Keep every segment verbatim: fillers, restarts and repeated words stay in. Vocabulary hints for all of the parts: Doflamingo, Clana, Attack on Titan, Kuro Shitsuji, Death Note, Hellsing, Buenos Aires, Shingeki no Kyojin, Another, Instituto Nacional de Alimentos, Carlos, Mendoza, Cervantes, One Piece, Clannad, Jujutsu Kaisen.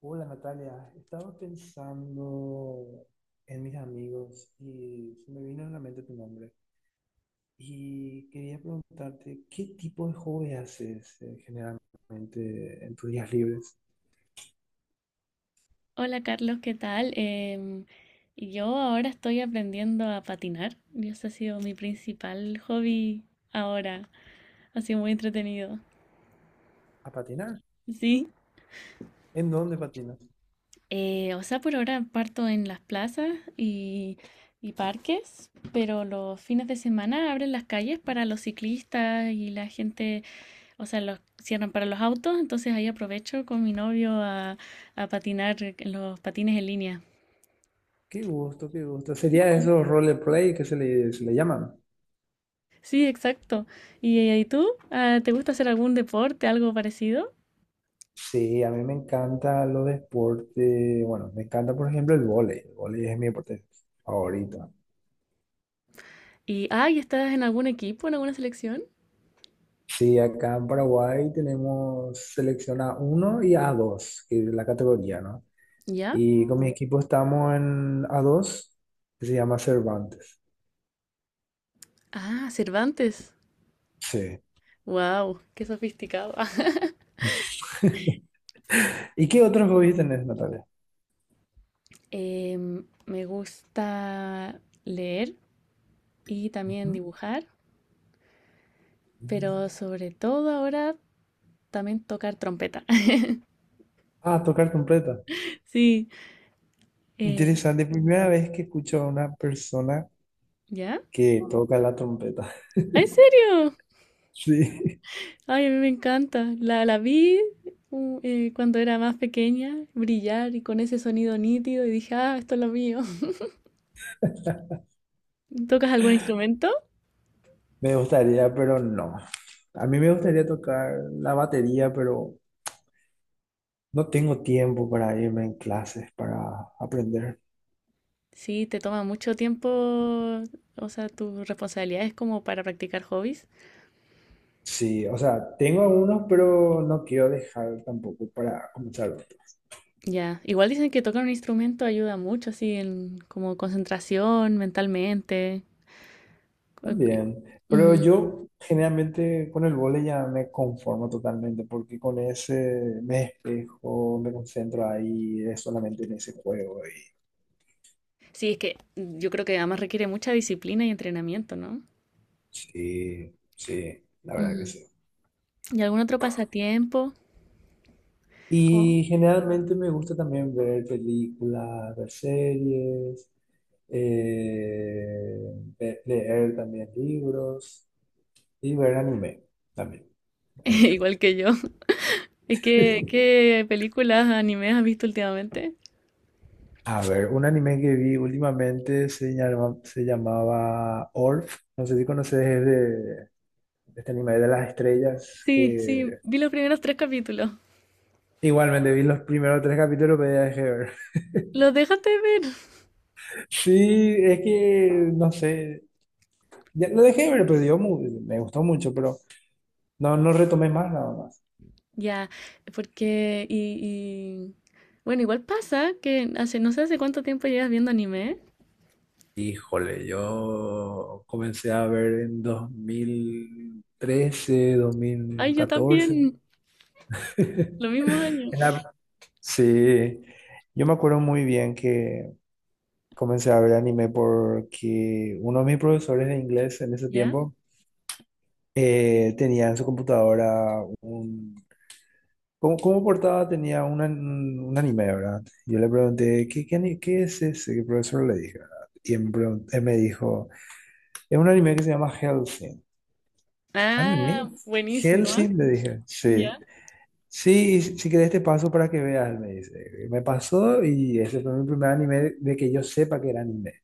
Hola Natalia, estaba pensando en mis amigos y se me vino a la mente tu nombre. Y quería preguntarte, ¿qué tipo de hobby haces eh, generalmente en tus días libres? Hola Carlos, ¿qué tal? Em, yo ahora estoy aprendiendo a patinar. Y ese ha sido mi principal hobby ahora. Ha sido muy entretenido. ¿A patinar? Sí. ¿En dónde patinas? Eh, o sea, por ahora parto en las plazas y, y parques, pero los fines de semana abren las calles para los ciclistas y la gente, o sea, los cierran para los autos, entonces ahí aprovecho con mi novio a, a patinar en los patines en línea. Qué gusto, qué gusto. ¿Sería esos roleplay que se le, se le llaman? Sí, exacto. ¿Y, eh, ¿y tú? Ah, ¿te gusta hacer algún deporte, algo parecido? Sí, a mí me encanta los deportes. Bueno, me encanta, por ejemplo, el vóley. El vóley es mi deporte favorito. Y, ay, ¿estás en algún equipo, en alguna selección? Sí, acá en Paraguay tenemos selección A uno y a dos que es la categoría, ¿no? ¿Ya? Y con mi equipo estamos en a dos que se llama Cervantes. Ah, Cervantes. Sí. Wow, qué sofisticado. ¿Y qué otros hobbies tenés, Natalia? Em, me gusta leer y también Ujú. dibujar, pero sobre todo ahora también tocar trompeta. Ah, tocar trompeta. Sí. eh, Interesante, primera vez que escucho a una persona ¿ya? que toca la trompeta. ¿Ah, ¿En serio? Sí, Ay, a mí me encanta. La, la vi uh, eh, cuando era más pequeña, brillar y con ese sonido nítido y dije, ah, esto es lo mío. ¿Tocas algún instrumento? me gustaría, pero no. A mí me gustaría tocar la batería, pero no tengo tiempo para irme en clases, para aprender. Sí, te toma mucho tiempo, o sea, tus responsabilidades como para practicar hobbies. Sí, o sea, tengo algunos, pero no quiero dejar tampoco para comenzar otro. Ya, igual dicen que tocar un instrumento ayuda mucho, así, en como concentración mentalmente. Co- co- También, pero Ujú. yo generalmente con el vóley ya me conformo totalmente, porque con ese me despejo, me concentro ahí, es solamente en ese juego. Y Sí, es que yo creo que además requiere mucha disciplina y entrenamiento, ¿no? sí, sí, la verdad que Ujú. sí. ¿Y algún otro pasatiempo? Como- Y generalmente me gusta también ver películas, ver series. eh, le- leer también libros y ver anime también, obviamente. Igual que yo. ¿Y qué, qué películas, animes has visto últimamente? A ver, un anime que vi últimamente se llama- se llamaba Orf. No sé si conoces, es de este anime de las estrellas Sí, que sí, vi los primeros tres capítulos. igualmente vi los primeros tres capítulos, pero ya dejé de ver. ¿Los dejaste de ver? Sí, es que no sé. Ya lo dejé de ver, pero dio mu- me gustó mucho, pero no, no retomé más nada. Ya, porque... Y, y- Bueno, igual pasa que hace, no sé hace cuánto tiempo llevas viendo anime. Híjole, yo comencé a ver en dos mil trece, Ay, yo dos mil catorce. también, los mismos años. En la- Sí, yo me acuerdo muy bien que comencé a ver anime porque uno de mis profesores de inglés en ese ¿Ya? tiempo eh, tenía en su computadora un... Como, como portada tenía un, an- un anime, ¿verdad? Yo le pregunté, ¿qué, qué, ani- qué es ese? Que el profesor, le dije, ¿verdad? Y él me, pregun- él me dijo, es un anime que se llama Hellsing. Ah, ¿Anime? buenísimo, ¿ah? ¿Hellsing? Le dije. Sí. ¿Ya? Sí, si querés te paso para que veas, me dice. Me pasó y ese fue mi primer anime de que yo sepa que era anime,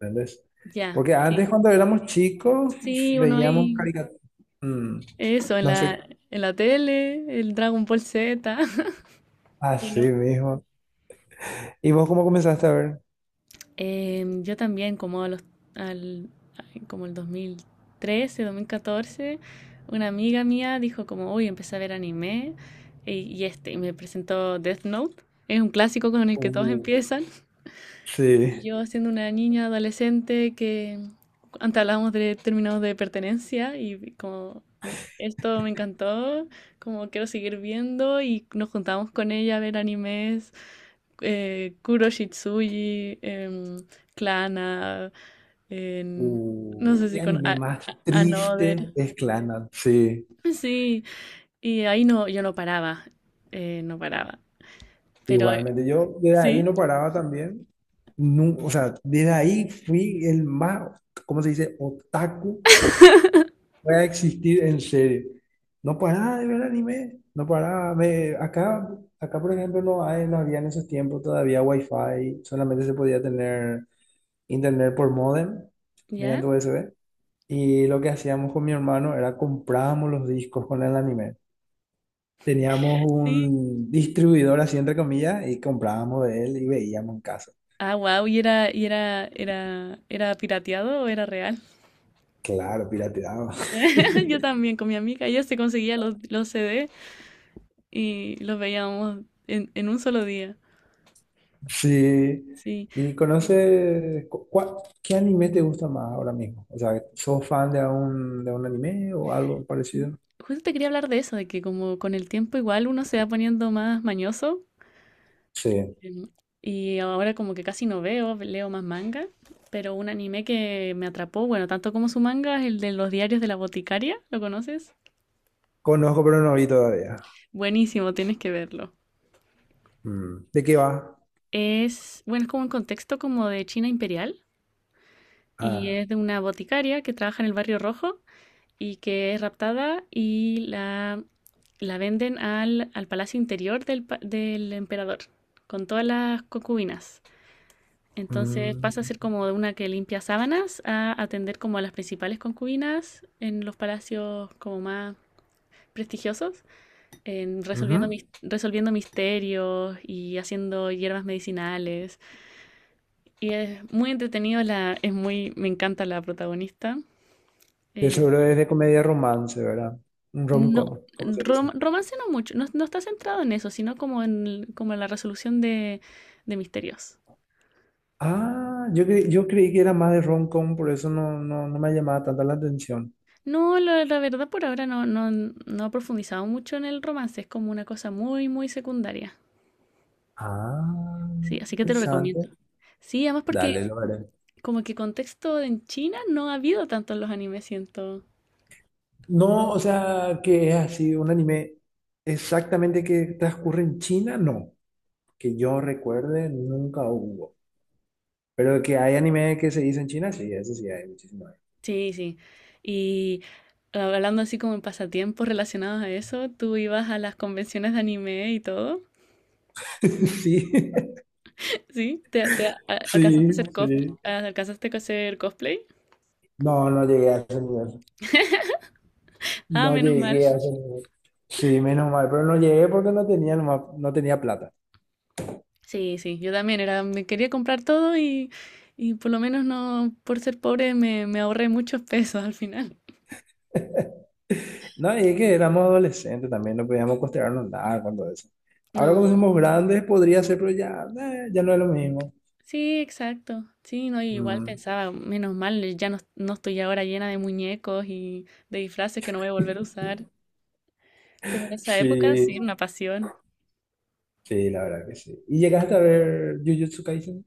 ¿entendés? Ya, Porque antes sí. cuando éramos chicos Sí, uno veíamos ahí... caricaturas. Eso, en No la, sé, en la tele, el Dragon Ball Z. ¿Y así no? mismo. ¿Y vos cómo comenzaste a ver? Em, yo también, como a los, al, ay, como el dos mil trece, dos mil catorce una amiga mía dijo como, uy, empecé a ver anime y, y este, y me presentó Death Note. Es un clásico con el que todos Uh, empiezan. sí. Yo siendo una niña adolescente que antes hablábamos de términos de pertenencia y como esto me encantó, como quiero seguir viendo y nos juntábamos con ella a ver animes, eh, Kuro Shitsuji, em, Clana, en- Uh, no sé si ¿qué con anime a- más a- Another. triste? Es Clannad. Sí. Sí, y ahí no, yo no paraba, eh, no paraba, pero Igualmente, yo desde ahí sí, no paraba también. Nu- o sea, desde ahí fui el más, ¿cómo se dice? Otaku que va a existir en serio. No paraba de ver anime, no paraba. Me, acá, acá, por ejemplo, no hay, no había en esos tiempos todavía wifi, solamente se podía tener internet por modem, ¿ya? mediante U S B. Y lo que hacíamos con mi hermano era comprábamos los discos con el anime. Teníamos Sí. un distribuidor, así entre comillas, y comprábamos de él y veíamos en casa. Ah, wow, ¿y era, y era, era, ¿era pirateado o era real? Claro, pirateado. Yo también con mi amiga, ella se conseguía los, los C D y los veíamos en, en un solo día. Sí. Sí. ¿Y conoces cu- cuál- qué anime te gusta más ahora mismo? O sea, ¿sos fan de un, de un anime o algo parecido? Justo te quería hablar de eso, de que como con el tiempo igual uno se va poniendo más mañoso. Sí. em, Y ahora como que casi no veo, leo más manga. Pero un anime que me atrapó, bueno, tanto como su manga, es el de los diarios de la boticaria, ¿lo conoces? Conozco, pero no vi todavía. Buenísimo, tienes que verlo. Mm. ¿De qué va? Es, bueno, es como un contexto como de China imperial. Y Ah. es de una boticaria que trabaja en el Barrio Rojo y que es raptada y la, la venden al, al palacio interior del, pa- del emperador con todas las concubinas. Entonces Mm, pasa a ser como de una que limpia sábanas a atender como a las principales concubinas en los palacios como más prestigiosos, en resolviendo, ujú. mis- resolviendo misterios y haciendo hierbas medicinales. Y es muy entretenido, la, es muy, me encanta la protagonista. De Eh, seguro es de comedia romance, ¿verdad? Un No, rom-com, como se dice. rom- romance no mucho, no, no está centrado en eso, sino como en, el- como en la resolución de, de misterios. Ah, yo, cre- yo creí que era más de rom-com, por eso no, no, no me llamaba tanta la atención. No, la, la verdad por ahora no, no, no he profundizado mucho en el romance, es como una cosa muy, muy secundaria. Ah, Sí, así que te lo recomiendo. interesante. Sí, además porque Dale, lo veré. como que contexto en China no ha habido tanto en los animes, siento. No, o sea, que es así, un anime exactamente que transcurre en China, no. Que yo recuerde, nunca hubo. Pero que hay anime que se dice en China, sí, eso sí hay muchísimo. Sí, sí. Y ah, hablando así como en pasatiempos relacionados a eso, tú ibas a las convenciones de anime y todo. Sí, ¿Sí? ¿Te, te a- ¿alcanzaste a sí, hacer cosplay? sí. ¿Alcanzaste a hacer cosplay? No, no llegué a ese nivel. Ah, No menos mal. llegué a ese nivel. Sí, menos mal, pero no llegué porque no tenía, nomás- no tenía plata. Sí, sí, yo también era, me quería comprar todo y, y por lo menos no, por ser pobre me, me ahorré muchos pesos al final. No, y es que éramos adolescentes también, no podíamos costearnos nada con todo eso. Ahora No, cuando somos grandes podría ser, pero ya, eh, ya no es lo mismo. sí, exacto. Sí, no, y igual Mm, pensaba, menos mal, ya no, no estoy ahora llena de muñecos y de disfraces que no voy a volver a usar. Pero en esa época sí, sí, una pasión. sí, la verdad que sí. ¿Y llegaste a ver Jujutsu Kaisen?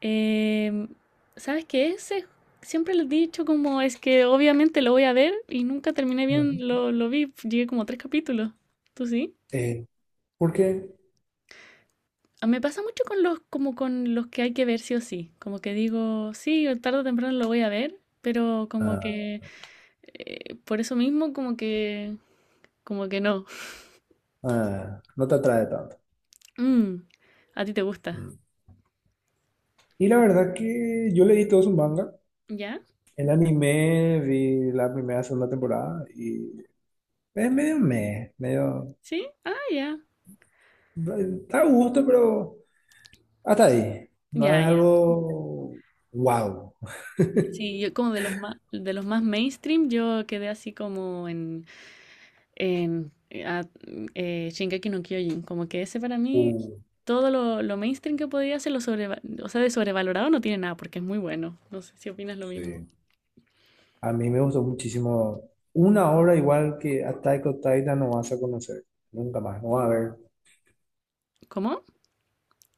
Em, ¿sabes qué? Ese siempre les he dicho como es que obviamente lo voy a ver y nunca terminé Ujú. bien, lo, lo vi, llegué como tres capítulos. ¿Tú sí? Eh, ¿por qué? Ah, me pasa mucho con los, como con los que hay que ver sí o sí. Como que digo, sí, o tarde o temprano lo voy a ver, pero como Ah, que eh, por eso mismo como que, como que no. ah, no te atrae tanto. Mm, ¿a ti te gusta? Mm. Y la verdad que yo leí todo su manga. ¿Ya? El anime, vi la primera, segunda temporada y es medio meh, medio... ¿Sí? Ah, ya. eh, Está a gusto, pero... Hasta ahí. No Ya, es ya. algo wow. Sí, yo como de los más, de los más mainstream, yo quedé así como en en eh, a- eh, Shingeki no Kyojin. Como que ese para mí, Uh, todo lo, lo mainstream que podía hacer, lo sobreva- o sea, de sobrevalorado no tiene nada porque es muy bueno. No sé si opinas lo mismo. sí. A mí me gustó muchísimo. Una obra igual que Attack on Titan no vas a conocer. Nunca más. No va a haber. ¿Cómo?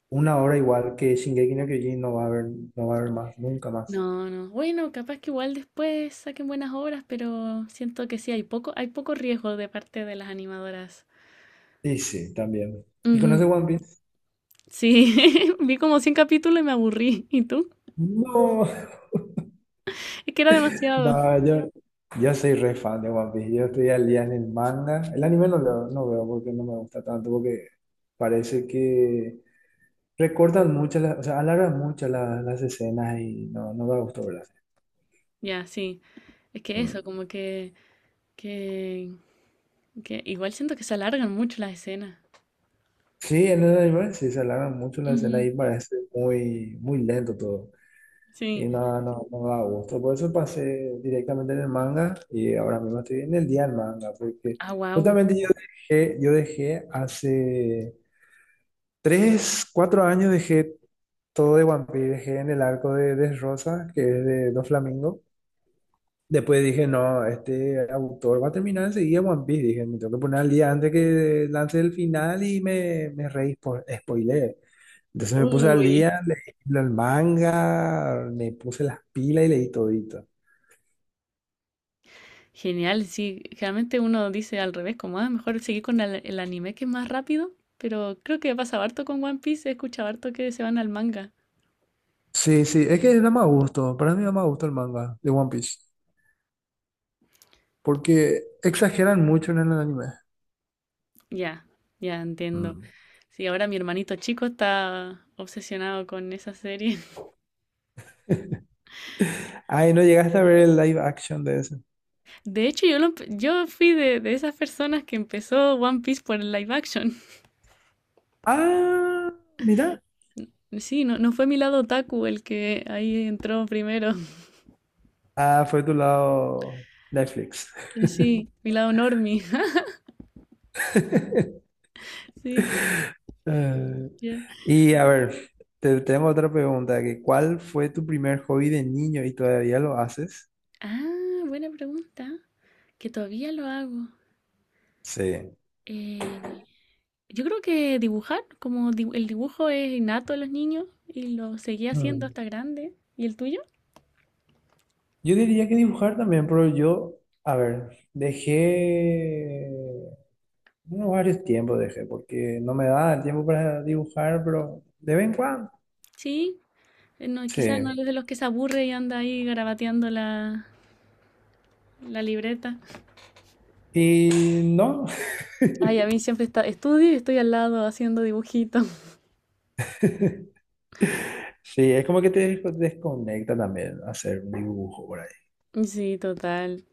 Una obra igual que Shingeki no Kyojin no va a haber. No va a haber más. Nunca más. No, no. Bueno, capaz que igual después saquen buenas obras, pero siento que sí, hay poco, hay poco riesgo de parte de las animadoras. Y sí, también. ¿Y Ujú. conoces One Piece? Sí, vi como cien capítulos y me aburrí. ¿Y tú? No. Es que era demasiado. No, yo, yo soy re fan de One Piece. Yo estoy al día en el manga. El anime no lo no veo porque no me gusta tanto. Porque parece que recortan mucho, la- o sea, alargan mucho la- las escenas y no, no me gustó, ¿verdad? Ya, sí. Es que Mm. eso, como que, que, que igual siento que se alargan mucho las escenas. Sí, en el anime sí se alargan mucho las escenas Ujú, y parece muy, muy lento todo. sí. Y no, no, no da gusto. Por eso pasé directamente en el manga y ahora mismo estoy en el día del manga, porque Ah, wow. justamente yo dejé, yo dejé hace tres, cuatro años dejé todo de One Piece, dejé en el arco de Rosa que es de Doflamingo. Después dije, no, este autor va a terminar enseguida One Piece. Dije, me tengo que poner al día antes que lance el final y me, me re spo- spoileé. Entonces me puse al Uy, día, leí el manga, me puse las pilas y leí todito. genial. Sí, generalmente uno dice al revés, como, ah, mejor seguir con el, el anime que es más rápido, pero creo que pasa harto con One Piece, he escuchado harto que se van al manga. Sí, sí, es que da más gusto. Para mí da más gusto el manga de One Piece. Porque exageran mucho en el anime. Ya, ya entiendo. Mm. Sí, ahora mi hermanito chico está obsesionado con esa serie. Ay, ¿no llegaste a ver el live action de ese? De hecho, yo, lo empe- yo fui de, de esas personas que empezó One Piece por el live action. Ah, mira. Sí, no, no fue mi lado otaku el que ahí entró primero. Ah, fue tu lado Netflix. Sí, mi lado normie. Sí. Eh, ya y a ver, te, tengo otra pregunta, que ¿cuál fue tu primer hobby de niño y todavía lo haces? Ah, buena pregunta, que todavía lo hago. Sí. Eh, yo creo que dibujar, como di- el dibujo es innato a los niños y lo seguí haciendo Mm, hasta grande. ¿Y el tuyo? yo diría que dibujar también, pero yo, a ver, dejé, bueno, varios tiempos dejé, porque no me daba el tiempo para dibujar, pero de vez en cuando, Sí, eh, no, quizás no es sí. de los que se aburre y anda ahí garabateando la, la libreta. Y no, Ay, a mí siempre está, estudio y estoy al lado haciendo dibujitos. sí, es como que te des- desconecta también hacer un dibujo por ahí. Sí, total.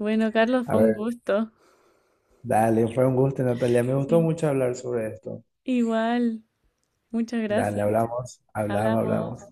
Bueno, Carlos, A fue un ver, gusto. dale, fue un gusto, Natalia, me gustó Sí. mucho hablar sobre esto. Igual, muchas Dale, gracias. hablamos, hablamos, Hablamos. hablamos.